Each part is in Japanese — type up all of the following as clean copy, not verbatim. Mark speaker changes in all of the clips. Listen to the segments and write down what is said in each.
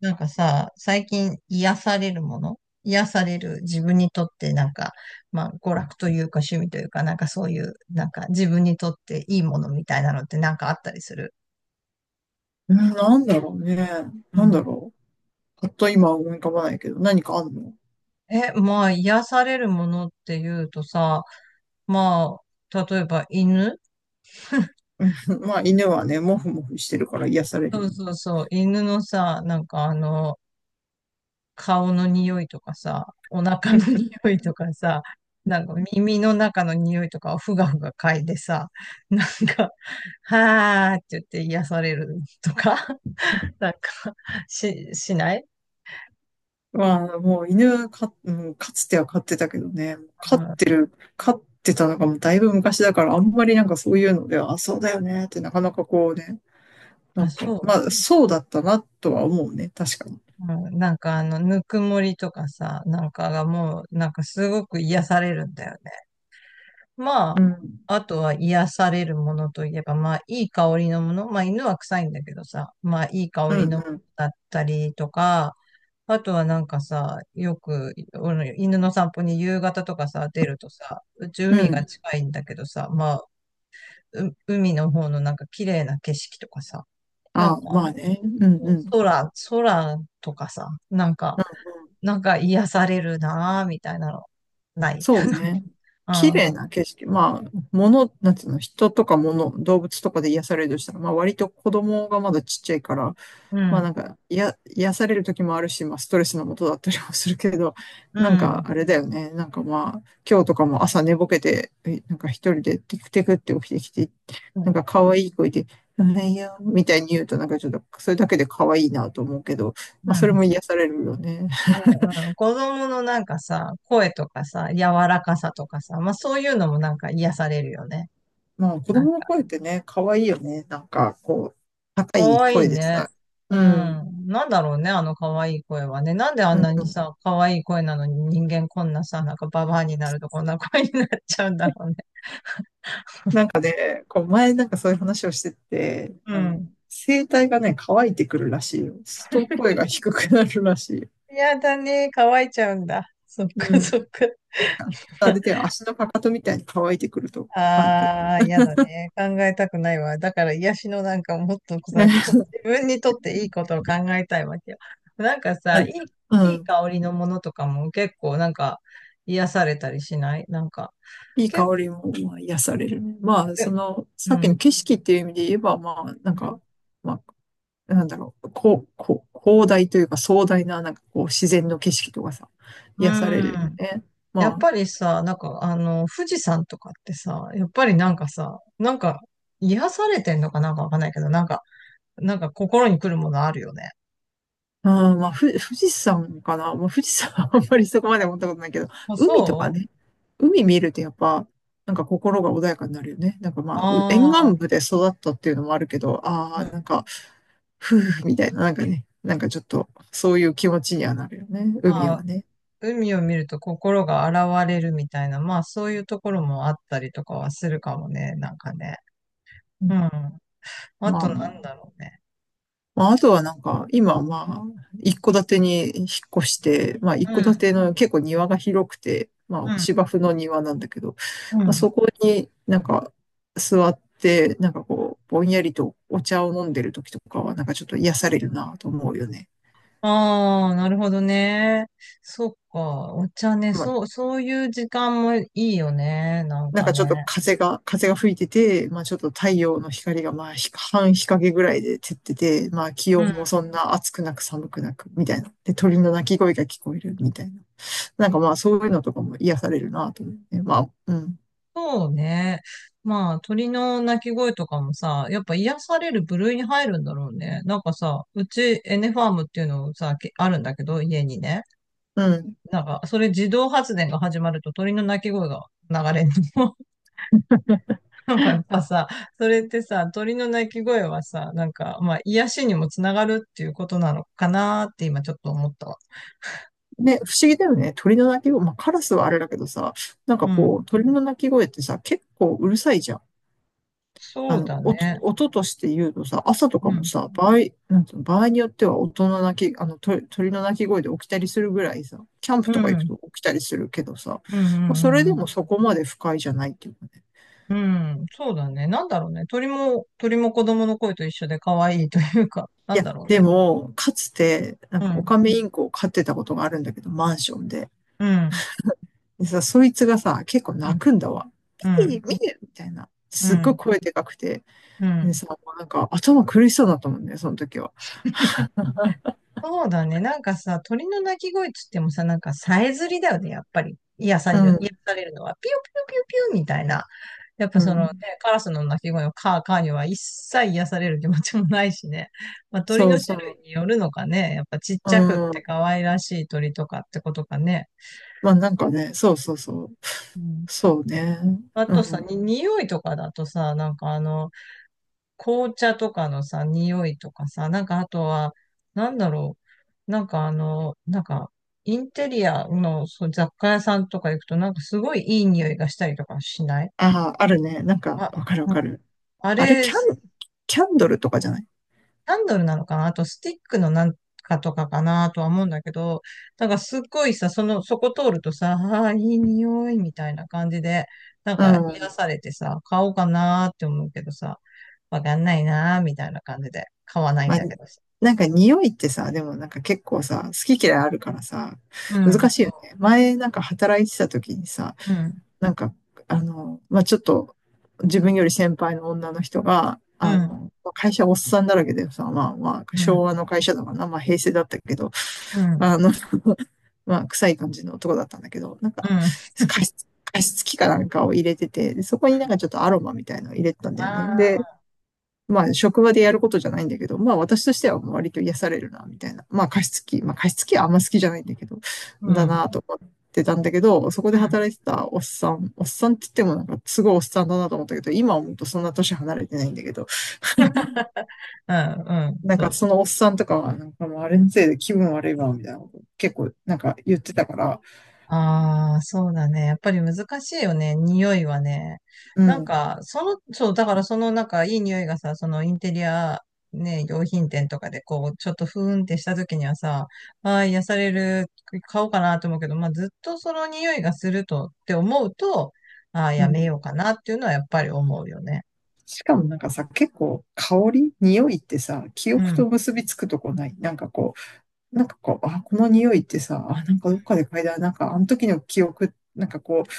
Speaker 1: なんかさ、最近癒されるもの癒される自分にとってなんか、まあ娯楽というか趣味というか、なんかそういう、なんか自分にとっていいものみたいなのってなんかあったりする？
Speaker 2: うん、なんだろうね。
Speaker 1: う
Speaker 2: なんだ
Speaker 1: ん。
Speaker 2: ろう。パっと今は思い浮かばないけど、何かあんの？
Speaker 1: まあ癒されるものっていうとさ、まあ、例えば犬。
Speaker 2: うん、まあ、犬はね、もふもふしてるから癒され
Speaker 1: そ
Speaker 2: るよ
Speaker 1: う
Speaker 2: ね。
Speaker 1: そうそう、犬のさ、顔の匂いとかさ、お腹の 匂いとかさ、なんか耳の中の匂いとかをふがふが嗅いでさ、なんか、はーって言って癒されるとか、なんか、しない？
Speaker 2: まあ、もう犬か、うん、かつては飼ってたけどね、
Speaker 1: あ、
Speaker 2: 飼ってたのがもうだいぶ昔だから、あんまりなんかそういうのでは、あ、そうだよねってなかなかこうね、な
Speaker 1: あ、
Speaker 2: ん
Speaker 1: そ
Speaker 2: か、
Speaker 1: う。
Speaker 2: まあ、そうだったなとは思うね、確かに。
Speaker 1: うん、ぬくもりとかさ、なんかがもう、なんかすごく癒されるんだよね。まあ、
Speaker 2: うん、
Speaker 1: あとは癒されるものといえば、まあ、いい香りのもの。まあ、犬は臭いんだけどさ、まあ、いい香
Speaker 2: う
Speaker 1: り
Speaker 2: ん、
Speaker 1: のも
Speaker 2: う
Speaker 1: の
Speaker 2: ん、
Speaker 1: だったりとか、あとはなんかさ、よく、俺の犬の散歩に夕方とかさ、出るとさ、うち
Speaker 2: う
Speaker 1: 海が
Speaker 2: ん。
Speaker 1: 近いんだけどさ、まあ、う海の方のなんか綺麗な景色とかさ、な
Speaker 2: あ、
Speaker 1: んか、
Speaker 2: まあね、うん、うん。
Speaker 1: 空とかさ、なんか、なんか癒されるなぁ、みたいなの、ない？
Speaker 2: そうね。
Speaker 1: う
Speaker 2: 綺麗
Speaker 1: ん、
Speaker 2: な景色。まあ、物、なんていうの、人とか物、動物とかで癒されるとしたら、まあ割と子供がまだちっちゃいから、
Speaker 1: う
Speaker 2: まあ
Speaker 1: ん、
Speaker 2: なんか、や、癒される時もあるし、まあストレスのもとだったりもするけど、
Speaker 1: う
Speaker 2: なんか
Speaker 1: ん、
Speaker 2: あれだよね。なんかまあ、今日とかも朝寝ぼけて、なんか一人でテクテクって起きてきて、
Speaker 1: う
Speaker 2: な
Speaker 1: ん。
Speaker 2: んか可愛い声で、うんいや、みたいに言うとなんかちょっと、それだけで可愛いなと思うけど、ま
Speaker 1: う
Speaker 2: あそれ
Speaker 1: ん
Speaker 2: も癒されるよね。
Speaker 1: うんうん、子供のなんかさ、声とかさ、柔らかさとかさ、まあそういうのもなんか癒されるよね。
Speaker 2: まあ、子
Speaker 1: あ、
Speaker 2: 供の声ってね、可愛いよね。なんか、こう、高
Speaker 1: か
Speaker 2: い
Speaker 1: わいい
Speaker 2: 声で
Speaker 1: ね。
Speaker 2: さ。
Speaker 1: う
Speaker 2: うん。
Speaker 1: ん。なんだろうね、あのかわいい声はね。なんであ
Speaker 2: う
Speaker 1: んなに
Speaker 2: ん。
Speaker 1: さ、かわいい声なのに人間こんなさ、なんかババアになるとこんな声になっちゃうんだろうね。
Speaker 2: なんかね、こう、前なんかそういう話をしてて、
Speaker 1: うん。
Speaker 2: 声帯がね、乾いてくるらしいよ。すると声が低くなるらしいよ。
Speaker 1: やだね、乾いちゃうんだ。そっ
Speaker 2: う
Speaker 1: かそ
Speaker 2: ん。
Speaker 1: っか。
Speaker 2: あ、出て足のかかとみたいに乾いてくると。まあ、
Speaker 1: ああ、やだね。考えたくないわ。だから癒しのなんかもっとさ、こう自分にとっていいことを考えたいわけよ。なんか
Speaker 2: あ、
Speaker 1: さ、
Speaker 2: う
Speaker 1: い、いい
Speaker 2: ん。
Speaker 1: 香りのものとかも結構なんか癒されたりしない？なんか、
Speaker 2: いい
Speaker 1: 結
Speaker 2: 香
Speaker 1: 構、
Speaker 2: りも、まあ、癒されるね。まあ、その、さ
Speaker 1: う
Speaker 2: っきの
Speaker 1: ん、
Speaker 2: 景色っていう意味で言えば、まあ、なん
Speaker 1: う
Speaker 2: か、
Speaker 1: ん。
Speaker 2: まあ、なんだろう、こう、広大というか壮大な、なんかこう、自然の景色とかさ、
Speaker 1: う
Speaker 2: 癒される
Speaker 1: ん。
Speaker 2: よね。
Speaker 1: やっ
Speaker 2: ま
Speaker 1: ぱりさ、富士山とかってさ、やっぱりなんかさ、なんか癒されてんのかなんかわかんないけど、なんか、なんか心に来るものあるよね。
Speaker 2: あ、まあ、富士山かな。まあ、富士山は あんまりそこまで思ったことないけど、
Speaker 1: あ、
Speaker 2: 海とか
Speaker 1: そ
Speaker 2: ね、海見るとやっぱ、なんか心が穏やかになるよね。なんか
Speaker 1: う。
Speaker 2: まあ、沿
Speaker 1: あ
Speaker 2: 岸
Speaker 1: あー。
Speaker 2: 部で育ったっていうのもあるけど、あ
Speaker 1: う
Speaker 2: あ、
Speaker 1: ん、
Speaker 2: なんか、夫婦みたいな、なんかね、なんかちょっと、そういう気持ちにはなるよね、海
Speaker 1: ま
Speaker 2: は
Speaker 1: あ、
Speaker 2: ね。
Speaker 1: 海を見ると心が洗われるみたいな、まあそういうところもあったりとかはするかもね、なんかね。
Speaker 2: うん、
Speaker 1: うん。あ
Speaker 2: ま
Speaker 1: とな
Speaker 2: あ、
Speaker 1: んだろうね。
Speaker 2: まあ、あとはなんか、今まあ、一戸建てに引っ越して、まあ、一
Speaker 1: う
Speaker 2: 戸建
Speaker 1: ん。
Speaker 2: ての結構庭が広くて、ま
Speaker 1: う
Speaker 2: あ、
Speaker 1: ん。
Speaker 2: 芝生の庭なんだけど、
Speaker 1: う
Speaker 2: まあ、
Speaker 1: ん。
Speaker 2: そこになんか座って、なんかこう、ぼんやりとお茶を飲んでる時とかは、なんかちょっと癒されるなと思うよね。
Speaker 1: ああ、なるほどね。そっか。お茶ね。
Speaker 2: まあ、
Speaker 1: そう、そういう時間もいいよね。なん
Speaker 2: なん
Speaker 1: か
Speaker 2: かちょっと
Speaker 1: ね。
Speaker 2: 風が吹いてて、まあ、ちょっと太陽の光がまあ、半日陰ぐらいで照ってて、まあ、気
Speaker 1: うん。
Speaker 2: 温もそんな暑くなく寒くなく、みたいな。で、鳥の鳴き声が聞こえる、みたいな。なんかまあそういうのとかも癒されるなと思って。まあ、うん。
Speaker 1: そうね。まあ、鳥の鳴き声とかもさ、やっぱ癒される部類に入るんだろうね。なんかさ、うちエネファームっていうのをさ、けあるんだけど、家にね。
Speaker 2: うん。
Speaker 1: なんか、それ自動発電が始まると鳥の鳴き声が流れるの。なんかやっぱさ、それってさ、鳥の鳴き声はさ、なんか、まあ、癒しにもつながるっていうことなのかなーって今ちょっと思ったわ。
Speaker 2: で、不思議だよね。鳥の鳴き声。まあカラスはあれだけどさ、なんか
Speaker 1: う
Speaker 2: こ
Speaker 1: ん。
Speaker 2: う、鳥の鳴き声ってさ、結構うるさいじゃん。
Speaker 1: そうだ
Speaker 2: 音、
Speaker 1: ね。
Speaker 2: 音として言うとさ、朝とか
Speaker 1: う
Speaker 2: も
Speaker 1: ん。
Speaker 2: さ、なんつうの、場合によっては音の鳴き、あの、鳥、鳥の鳴き声で起きたりするぐらいさ、キャンプ
Speaker 1: う
Speaker 2: とか行く
Speaker 1: ん。
Speaker 2: と起きたりするけどさ、
Speaker 1: うんう
Speaker 2: まあ、それ
Speaker 1: んう
Speaker 2: でも
Speaker 1: ん
Speaker 2: そこまで不快じゃないっていうかね。
Speaker 1: うん。うん。そうだね。なんだろうね。鳥も子供の声と一緒で可愛いというか、な
Speaker 2: い
Speaker 1: ん
Speaker 2: や、
Speaker 1: だろう
Speaker 2: で
Speaker 1: ね。
Speaker 2: も、かつて、なん
Speaker 1: う
Speaker 2: かオ
Speaker 1: ん。
Speaker 2: カメインコを飼ってたことがあるんだけど、マンションで。
Speaker 1: うん。
Speaker 2: でさ、そいつがさ、結構
Speaker 1: う
Speaker 2: 泣
Speaker 1: ん。
Speaker 2: くんだわ。
Speaker 1: う
Speaker 2: ピ
Speaker 1: ん。
Speaker 2: ー、見てみたいな。
Speaker 1: う
Speaker 2: すっごい
Speaker 1: ん。
Speaker 2: 声でかくて。
Speaker 1: う
Speaker 2: で
Speaker 1: ん。
Speaker 2: さ、もうなんか頭苦しそうだったもんね、その時は。
Speaker 1: そうだね。なんかさ、鳥の鳴き声っつってもさ、なんかさえずりだよね、やっぱり。
Speaker 2: う
Speaker 1: 癒
Speaker 2: ん、
Speaker 1: されるのは。ピュピュピュピュみたいな。やっぱ
Speaker 2: う
Speaker 1: そのね、
Speaker 2: ん。
Speaker 1: カラスの鳴き声のカーカーには一切癒される気持ちもないしね。まあ、鳥
Speaker 2: そう
Speaker 1: の種類
Speaker 2: そ
Speaker 1: によるのかね。やっぱちっちゃくっ
Speaker 2: う。う
Speaker 1: て
Speaker 2: ん。
Speaker 1: 可愛らしい鳥とかってことかね。
Speaker 2: まあなんかね、そうそうそう。
Speaker 1: うん。
Speaker 2: そうね。
Speaker 1: あ
Speaker 2: う
Speaker 1: とさ、
Speaker 2: ん。
Speaker 1: 匂いとかだとさ、紅茶とかのさ、匂いとかさ、なんかあとは、なんだろう、なんかあの、なんか、インテリアのそう雑貨屋さんとか行くと、なんかすごいいい匂いがしたりとかしない？
Speaker 2: ああ、あるね。なんか、
Speaker 1: あ、
Speaker 2: わかるわ
Speaker 1: うん。
Speaker 2: かる。
Speaker 1: あ
Speaker 2: あれ、
Speaker 1: れ、
Speaker 2: キ
Speaker 1: キ
Speaker 2: ャン、キャンドルとかじゃない？
Speaker 1: ャンドルなのかなあと、スティックのなんかとかかなとは思うんだけど、なんかすっごいさ、その、そこ通るとさ、ああ、いい匂いみたいな感じで、なん
Speaker 2: う
Speaker 1: か癒
Speaker 2: ん。
Speaker 1: されてさ、買おうかなって思うけどさ、わかんないなみたいな感じで買わないん
Speaker 2: まあ、
Speaker 1: だけど。
Speaker 2: なんか匂いってさ、でもなんか結構さ、好き嫌いあるからさ、
Speaker 1: うん、
Speaker 2: 難しいよ
Speaker 1: そ
Speaker 2: ね。前なんか働いてた時にさ、
Speaker 1: う。うん、
Speaker 2: なんか、まあ、ちょっと、自分より先輩の女の人が、
Speaker 1: うん、
Speaker 2: 会社おっさんだらけでさ、まあまあ、
Speaker 1: う
Speaker 2: 昭和
Speaker 1: ん、
Speaker 2: の会社だからな、まあ平成だったけど、
Speaker 1: うん、
Speaker 2: あの、まあ、臭い感じの男だったんだけど、なん
Speaker 1: う
Speaker 2: か、
Speaker 1: ん。うん、
Speaker 2: 加湿器かなんかを入れてて、でそこになんかちょっとアロマみたいなのを入れてたんだよね。
Speaker 1: あ
Speaker 2: で、
Speaker 1: あ、
Speaker 2: まあ、職場でやることじゃないんだけど、まあ、私としては割と癒されるな、みたいな。まあ、加湿器、まあ、加湿器はあんま好きじゃないんだけど、
Speaker 1: うん、
Speaker 2: だ
Speaker 1: うん、
Speaker 2: なと思ってたんだけど、そこで働いてたおっさん、おっさんって言ってもなんかすごいおっさんだなと思ったけど、今思うとそんな年離れてないんだけど、
Speaker 1: うん、うん、
Speaker 2: なんか
Speaker 1: そう。
Speaker 2: そのおっさんとかは、なんかもうあれのせいで気分悪いわ、みたいなこと結構なんか言ってたから、
Speaker 1: ああ、そうだね。やっぱり難しいよね。匂いはね。
Speaker 2: う
Speaker 1: なん
Speaker 2: ん、
Speaker 1: か、その、そう、だからその、なんか、いい匂いがさ、そのインテリア、ね、用品店とかで、こう、ちょっとふーんってした時にはさ、ああ、癒される、買おうかなと思うけど、まあ、ずっとその匂いがするとって思うと、ああ、
Speaker 2: う
Speaker 1: や
Speaker 2: ん。
Speaker 1: めようかなっていうのはやっぱり思うよね。
Speaker 2: しかもなんかさ、結構香り、匂いってさ、記
Speaker 1: う
Speaker 2: 憶と
Speaker 1: ん。
Speaker 2: 結びつくとこない？なんかこう、あ、この匂いってさ、あ、なんかどっかで嗅いだ、なんかあの時の記憶、なんかこう、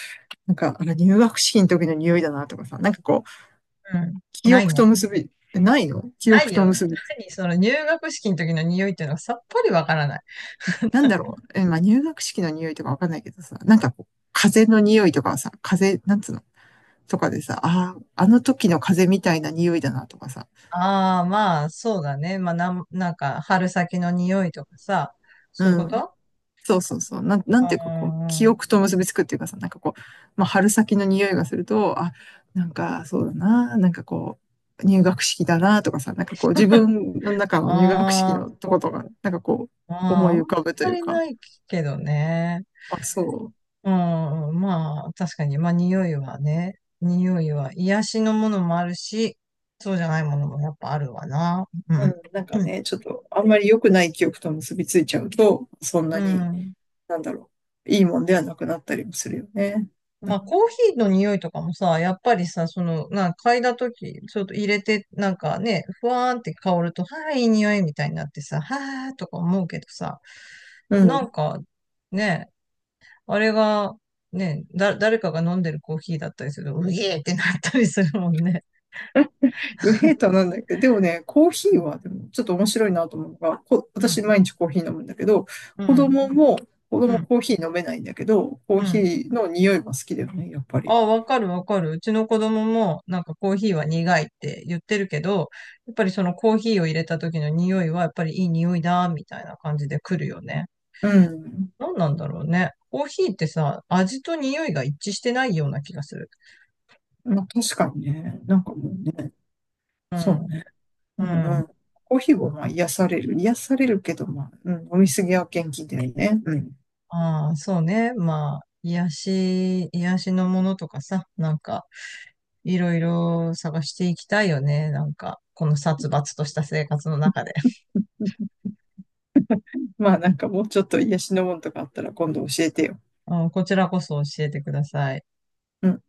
Speaker 2: なんかあの入学式の時の匂いだなとかさ、なんかこう、
Speaker 1: うん。
Speaker 2: 記
Speaker 1: ない
Speaker 2: 憶と
Speaker 1: ね。
Speaker 2: 結び、ないの記
Speaker 1: な
Speaker 2: 憶
Speaker 1: い
Speaker 2: と
Speaker 1: よ。
Speaker 2: 結び。
Speaker 1: 何その入学式の時の匂いっていうのがさっぱりわからない。
Speaker 2: なんだ ろうえ、まあ、入学式の匂いとかわかんないけどさ、なんかこう、風の匂いとかさ、風、なんつうのとかでさ、ああ、あの時の風みたいな匂いだなとかさ、
Speaker 1: ああ、まあ、そうだね。まあ、なんか、春先の匂いとかさ、
Speaker 2: う
Speaker 1: そういうこ
Speaker 2: ん、
Speaker 1: と？
Speaker 2: そうそうそう。なん、な
Speaker 1: うん。
Speaker 2: ん
Speaker 1: あ
Speaker 2: ていうかこう、記憶
Speaker 1: ー、
Speaker 2: と結びつくっていうかさ、なんかこう、まあ、春先の匂いがすると、あ、なんかそうだな、なんかこう、入学式だなとかさ、なんかこう、自分の中の入学式
Speaker 1: ま
Speaker 2: のとことか、なんかこう、思
Speaker 1: あ
Speaker 2: い
Speaker 1: ん
Speaker 2: 浮かぶと
Speaker 1: ま
Speaker 2: いう
Speaker 1: り
Speaker 2: か、
Speaker 1: ないけどね。
Speaker 2: あ、そう。
Speaker 1: うん、まあ、確かに、まあ、匂いはね、匂いは癒しのものもあるし、そうじゃないものもやっぱあるわな。う
Speaker 2: う
Speaker 1: ん。
Speaker 2: ん、なんか ね、ちょっと、あんまり良くない記憶と結びついちゃうと、そん
Speaker 1: う
Speaker 2: なに、
Speaker 1: ん。
Speaker 2: なんだろう、いいもんではなくなったりもするよね。な
Speaker 1: ま
Speaker 2: ん
Speaker 1: あ、
Speaker 2: か、
Speaker 1: コーヒーの匂いとかもさ、やっぱりさ、その、なんか嗅いだとき、ちょっと入れて、なんかね、ふわーんって香ると、はい、いい匂いみたいになってさ、はーとか思うけどさ、
Speaker 2: う
Speaker 1: な
Speaker 2: ん。
Speaker 1: んか、ね、あれが、ね、誰かが飲んでるコーヒーだったりすると、うげーってなったりするもんね。
Speaker 2: ウヘーターなんだけど、でもね、コーヒ
Speaker 1: う
Speaker 2: ー
Speaker 1: ん、
Speaker 2: はでもちょっと面白いなと思うのが、
Speaker 1: うん、
Speaker 2: 私毎日コーヒー飲むんだけど、
Speaker 1: う
Speaker 2: 子供も、子供
Speaker 1: ん、
Speaker 2: コーヒー飲めないんだけど、コー
Speaker 1: う
Speaker 2: ヒ
Speaker 1: ん。
Speaker 2: ーの匂いが好きだよね、やっぱ
Speaker 1: あ
Speaker 2: り。
Speaker 1: あ、わかるわかる。うちの子供もなんかコーヒーは苦いって言ってるけど、やっぱりそのコーヒーを入れた時の匂いはやっぱりいい匂いだ、みたいな感じで来るよね。
Speaker 2: うん。
Speaker 1: 何なんだろうね。コーヒーってさ、味と匂いが一致してないような気がする。
Speaker 2: まあ、確かにね、なんかもうね、
Speaker 1: う
Speaker 2: そ
Speaker 1: ん。
Speaker 2: うね。う
Speaker 1: う
Speaker 2: んう
Speaker 1: ん。
Speaker 2: ん。コーヒーはまあ癒される。癒されるけど、まあ、うん、飲みすぎは元気だよね。うん。
Speaker 1: ああ、そうね。まあ、癒しのものとかさ、なんか、いろいろ探していきたいよね。なんか、この殺伐とした生活の中で。
Speaker 2: まあなんかもうちょっと癒しのものとかあったら今度教えてよ。
Speaker 1: あーこちらこそ教えてください。
Speaker 2: うん。